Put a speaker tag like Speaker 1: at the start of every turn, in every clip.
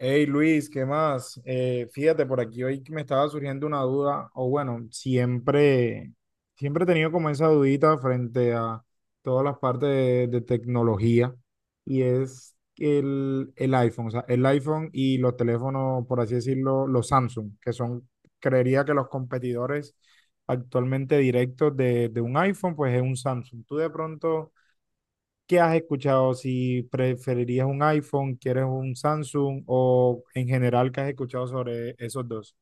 Speaker 1: Hey Luis, ¿qué más? Fíjate, por aquí hoy que me estaba surgiendo una duda, o bueno, siempre he tenido como esa dudita frente a todas las partes de tecnología, y es el iPhone, o sea, el iPhone y los teléfonos, por así decirlo, los Samsung, que son, creería que los competidores actualmente directos de un iPhone, pues es un Samsung. Tú de pronto... ¿Qué has escuchado? Si preferirías un iPhone, quieres un Samsung o en general, ¿qué has escuchado sobre esos dos?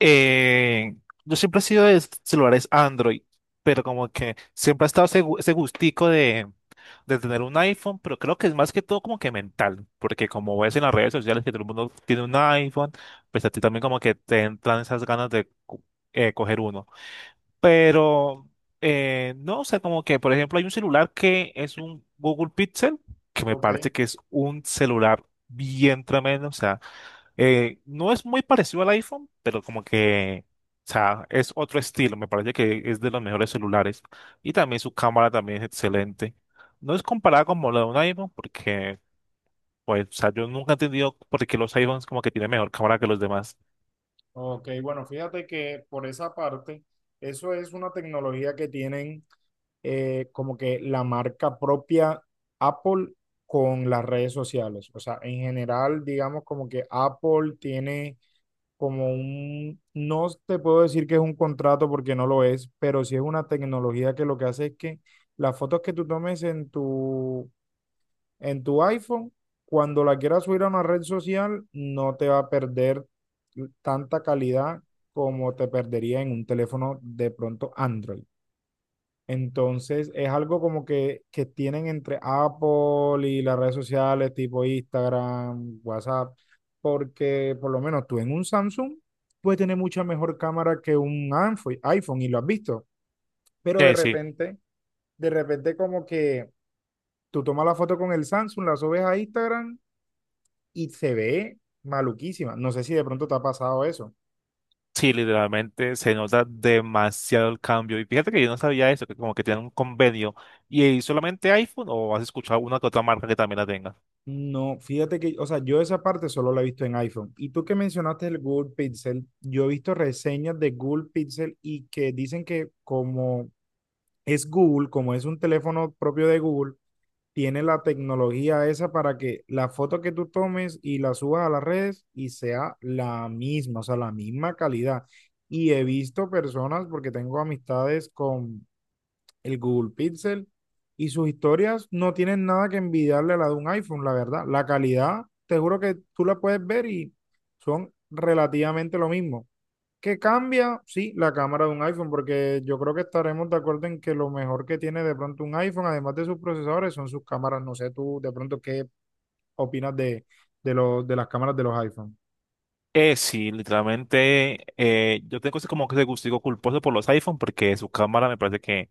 Speaker 2: Eh, yo siempre he sido de celulares Android, pero como que siempre ha estado ese gustico de tener un iPhone, pero creo que es más que todo como que mental, porque como ves en las redes sociales que todo el mundo tiene un iPhone, pues a ti también como que te entran esas ganas de coger uno. Pero no, o sea, como que por ejemplo hay un celular que es un Google Pixel, que me
Speaker 1: Ok,
Speaker 2: parece que es un celular bien tremendo, o sea. No es muy parecido al iPhone, pero como que, o sea, es otro estilo. Me parece que es de los mejores celulares. Y también su cámara también es excelente. No es comparada como la de un iPhone, porque, pues, o sea, yo nunca he entendido por qué los iPhones como que tienen mejor cámara que los demás.
Speaker 1: ok, bueno, fíjate que por esa parte, eso es una tecnología que tienen como que la marca propia Apple con las redes sociales. O sea, en general, digamos como que Apple tiene como un, no te puedo decir que es un contrato porque no lo es, pero sí es una tecnología que lo que hace es que las fotos que tú tomes en tu iPhone, cuando la quieras subir a una red social, no te va a perder tanta calidad como te perdería en un teléfono de pronto Android. Entonces es algo como que tienen entre Apple y las redes sociales tipo Instagram, WhatsApp, porque por lo menos tú en un Samsung puedes tener mucha mejor cámara que un iPhone, iPhone y lo has visto, pero
Speaker 2: Eh, sí,
Speaker 1: de repente como que tú tomas la foto con el Samsung, la subes a Instagram y se ve maluquísima. No sé si de pronto te ha pasado eso.
Speaker 2: sí, literalmente se nota demasiado el cambio. Y fíjate que yo no sabía eso, que como que tienen un convenio. ¿Y solamente iPhone o has escuchado una que otra marca que también la tenga?
Speaker 1: No, fíjate que, o sea, yo esa parte solo la he visto en iPhone. Y tú que mencionaste el Google Pixel, yo he visto reseñas de Google Pixel y que dicen que como es Google, como es un teléfono propio de Google, tiene la tecnología esa para que la foto que tú tomes y la subas a las redes y sea la misma, o sea, la misma calidad. Y he visto personas, porque tengo amistades con el Google Pixel y sus historias no tienen nada que envidiarle a la de un iPhone, la verdad. La calidad, te juro que tú la puedes ver y son relativamente lo mismo. ¿Qué cambia? Sí, la cámara de un iPhone, porque yo creo que estaremos de acuerdo en que lo mejor que tiene de pronto un iPhone, además de sus procesadores, son sus cámaras. No sé tú de pronto qué opinas de las cámaras de los iPhone.
Speaker 2: Sí, literalmente, yo tengo ese como que ese gustico culposo por los iPhone porque su cámara me parece que,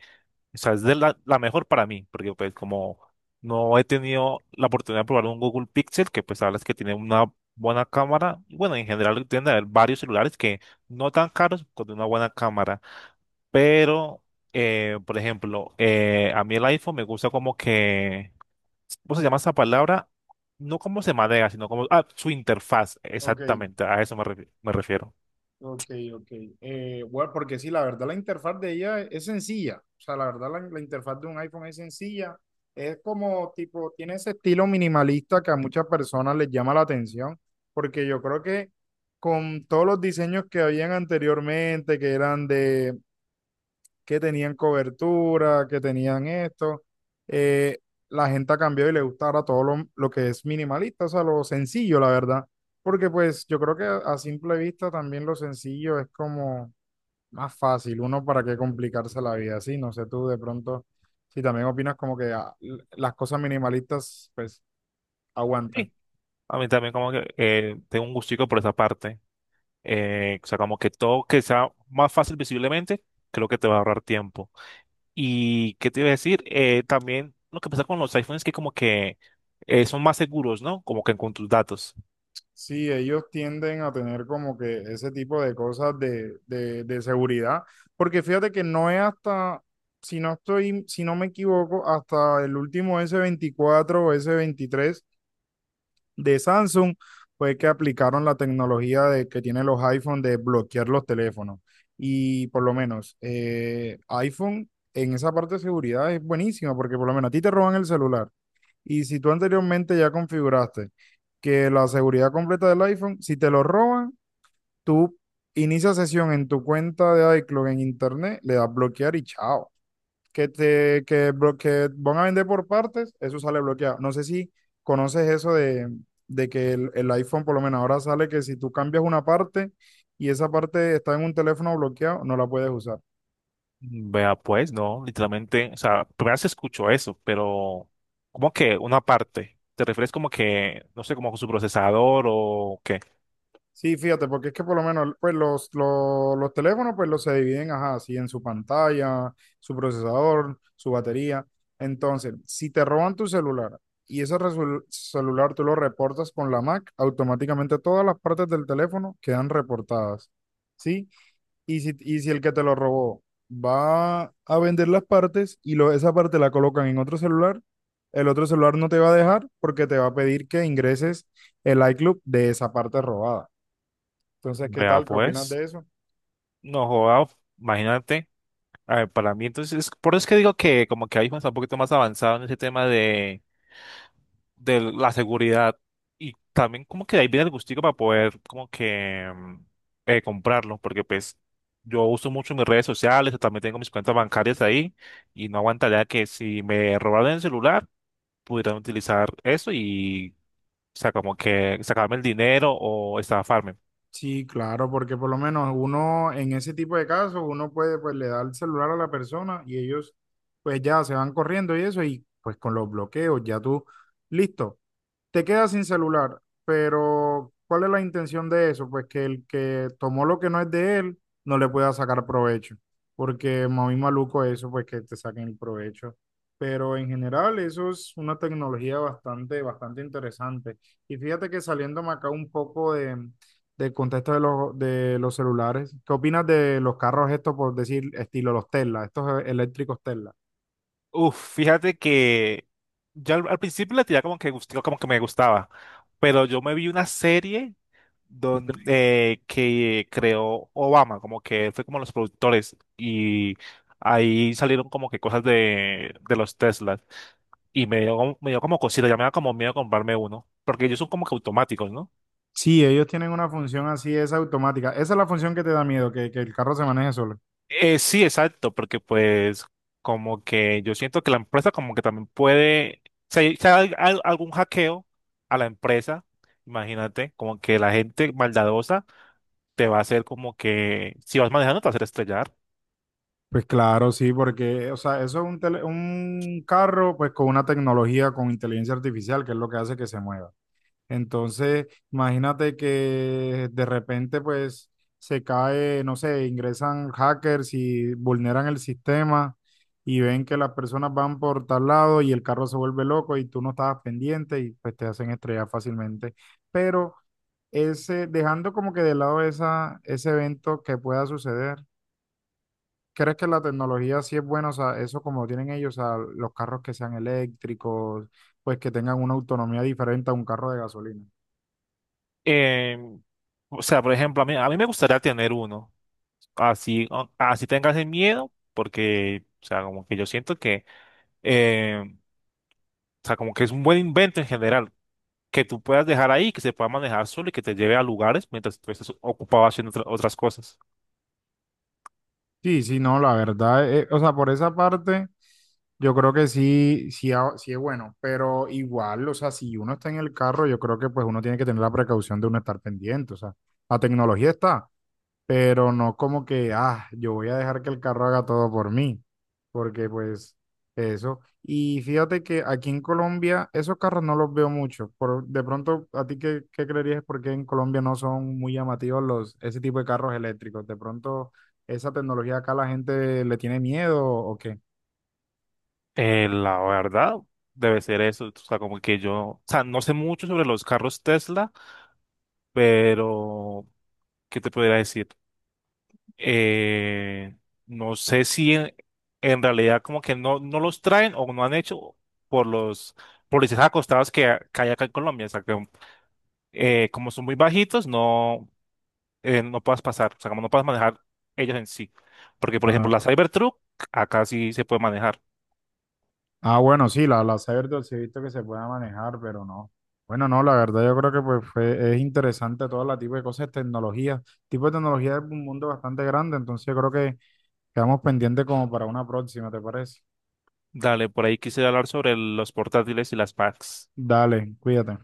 Speaker 2: o sea, es de la mejor para mí, porque pues como no he tenido la oportunidad de probar un Google Pixel, que pues sabes que tiene una buena cámara, y bueno, en general tienden a haber varios celulares que no tan caros con una buena cámara, pero, por ejemplo, a mí el iPhone me gusta como que ¿cómo se llama esa palabra? No como se maneja, sino como ah, su interfaz,
Speaker 1: Ok.
Speaker 2: exactamente, a eso me refiero.
Speaker 1: Ok, ok. Bueno, porque sí, la verdad la interfaz de ella es sencilla. O sea, la verdad la interfaz de un iPhone es sencilla. Es como tipo, tiene ese estilo minimalista que a muchas personas les llama la atención, porque yo creo que con todos los diseños que habían anteriormente, que eran de que tenían cobertura, que tenían esto. Eh, la gente ha cambiado y le gusta ahora todo lo que es minimalista, o sea, lo sencillo, la verdad. Porque pues yo creo que a simple vista también lo sencillo es como más fácil, uno para qué complicarse la vida, sí, no sé tú de pronto si también opinas como que ah, las cosas minimalistas pues aguantan.
Speaker 2: Sí, a mí también como que tengo un gustico por esa parte. O sea, como que todo que sea más fácil visiblemente, creo que te va a ahorrar tiempo. ¿Y qué te iba a decir? También lo que pasa con los iPhones es que como que son más seguros, ¿no? Como que con tus datos.
Speaker 1: Sí, ellos tienden a tener como que ese tipo de cosas de seguridad, porque fíjate que no es hasta, si no estoy, si no me equivoco, hasta el último S24 o S23 de Samsung fue que aplicaron la tecnología de, que tienen los iPhone de bloquear los teléfonos. Y por lo menos iPhone en esa parte de seguridad es buenísima porque por lo menos a ti te roban el celular. Y si tú anteriormente ya configuraste que la seguridad completa del iPhone, si te lo roban, tú inicias sesión en tu cuenta de iCloud en internet, le das bloquear y chao que te que, que van a vender por partes, eso sale bloqueado. No sé si conoces eso de que el iPhone por lo menos ahora sale que si tú cambias una parte y esa parte está en un teléfono bloqueado, no la puedes usar.
Speaker 2: Vea, pues, no, literalmente, o sea, primero se escuchó eso, pero como que una parte, ¿te refieres como que, no sé, como su procesador o qué?
Speaker 1: Sí, fíjate, porque es que por lo menos pues los teléfonos pues los se dividen, ajá, así en su pantalla, su procesador, su batería. Entonces, si te roban tu celular y ese celular tú lo reportas con la Mac, automáticamente todas las partes del teléfono quedan reportadas, ¿sí? Y si el que te lo robó va a vender las partes y lo, esa parte la colocan en otro celular, el otro celular no te va a dejar porque te va a pedir que ingreses el iCloud de esa parte robada. Entonces, ¿qué
Speaker 2: Vea,
Speaker 1: tal? ¿Qué opinas
Speaker 2: pues,
Speaker 1: de eso?
Speaker 2: no joda, imagínate, a ver, para mí entonces, por eso es que digo que como que iPhone está un poquito más avanzado en ese tema de la seguridad y también como que de ahí viene el gustico para poder como que comprarlo, porque pues yo uso mucho mis redes sociales, también tengo mis cuentas bancarias ahí y no aguantaría que si me robaran el celular pudieran utilizar eso y o sea, como que sacarme el dinero o estafarme.
Speaker 1: Sí, claro, porque por lo menos uno en ese tipo de casos, uno puede, pues le da el celular a la persona y ellos pues ya se van corriendo y eso, y pues con los bloqueos, ya tú, listo, te quedas sin celular, pero ¿cuál es la intención de eso? Pues que el que tomó lo que no es de él no le pueda sacar provecho, porque muy maluco eso, pues que te saquen el provecho. Pero en general eso es una tecnología bastante interesante. Y fíjate que saliéndome acá un poco de, del contexto de de los celulares, ¿qué opinas de los carros estos, por decir, estilo los Tesla, estos eléctricos Tesla?
Speaker 2: Uf, fíjate que ya al principio la tiraba como que gustico, como que me gustaba, pero yo me vi una serie que creó Obama, como que fue como los productores y ahí salieron como que cosas de los Teslas y me dio, me dio como cosita, ya me da como miedo comprarme uno, porque ellos son como que automáticos, ¿no?
Speaker 1: Sí, ellos tienen una función así, es automática. Esa es la función que te da miedo, que el carro se maneje solo.
Speaker 2: Sí, exacto, porque pues como que yo siento que la empresa como que también puede, si hay algún hackeo a la empresa, imagínate, como que la gente maldadosa te va a hacer como que, si vas manejando, te va a hacer estrellar.
Speaker 1: Pues claro, sí, porque, o sea, eso es un, un carro, pues con una tecnología, con inteligencia artificial, que es lo que hace que se mueva. Entonces, imagínate que de repente, pues, se cae, no sé, ingresan hackers y vulneran el sistema y ven que las personas van por tal lado y el carro se vuelve loco y tú no estabas pendiente y pues te hacen estrellar fácilmente. Pero ese, dejando como que de lado esa, ese evento que pueda suceder, ¿crees que la tecnología sí es buena? O sea, eso como lo tienen ellos, o sea, los carros que sean eléctricos, pues que tengan una autonomía diferente a un carro de gasolina.
Speaker 2: Eh, o sea, por ejemplo, a mí me gustaría tener uno. Así, así tengas el miedo, porque, o sea, como que yo siento que, o sea, como que es un buen invento en general, que tú puedas dejar ahí, que se pueda manejar solo y que te lleve a lugares mientras tú estés ocupado haciendo otras cosas.
Speaker 1: Sí, sí, no, la verdad, o sea, por esa parte, yo creo que sí es bueno, pero igual, o sea, si uno está en el carro, yo creo que pues uno tiene que tener la precaución de uno estar pendiente, o sea, la tecnología está, pero no como que, ah, yo voy a dejar que el carro haga todo por mí, porque pues eso. Y fíjate que aquí en Colombia esos carros no los veo mucho. Por, de pronto, ¿a ti qué creerías por qué en Colombia no son muy llamativos los, ese tipo de carros eléctricos? De pronto, ¿esa tecnología acá la gente le tiene miedo o qué?
Speaker 2: La verdad, debe ser eso. O sea, como que yo, o sea, no sé mucho sobre los carros Tesla, pero, ¿qué te podría decir? eh, no sé si en realidad como que no los traen o no han hecho por los policías acostados que hay acá en Colombia. O sea, que como son muy bajitos, no, no puedes pasar, o sea, como no puedes manejar ellos en sí. Porque, por ejemplo, la Cybertruck acá sí se puede manejar.
Speaker 1: Ah, bueno, sí, la Cyberdog sí he visto que se puede manejar, pero no. Bueno, no, la verdad yo creo que pues es interesante todo la tipo de cosas, tecnología. Tipo de tecnología es un mundo bastante grande, entonces yo creo que quedamos pendientes como para una próxima, ¿te parece?
Speaker 2: Dale, por ahí quise hablar sobre los portátiles y las packs.
Speaker 1: Dale, cuídate.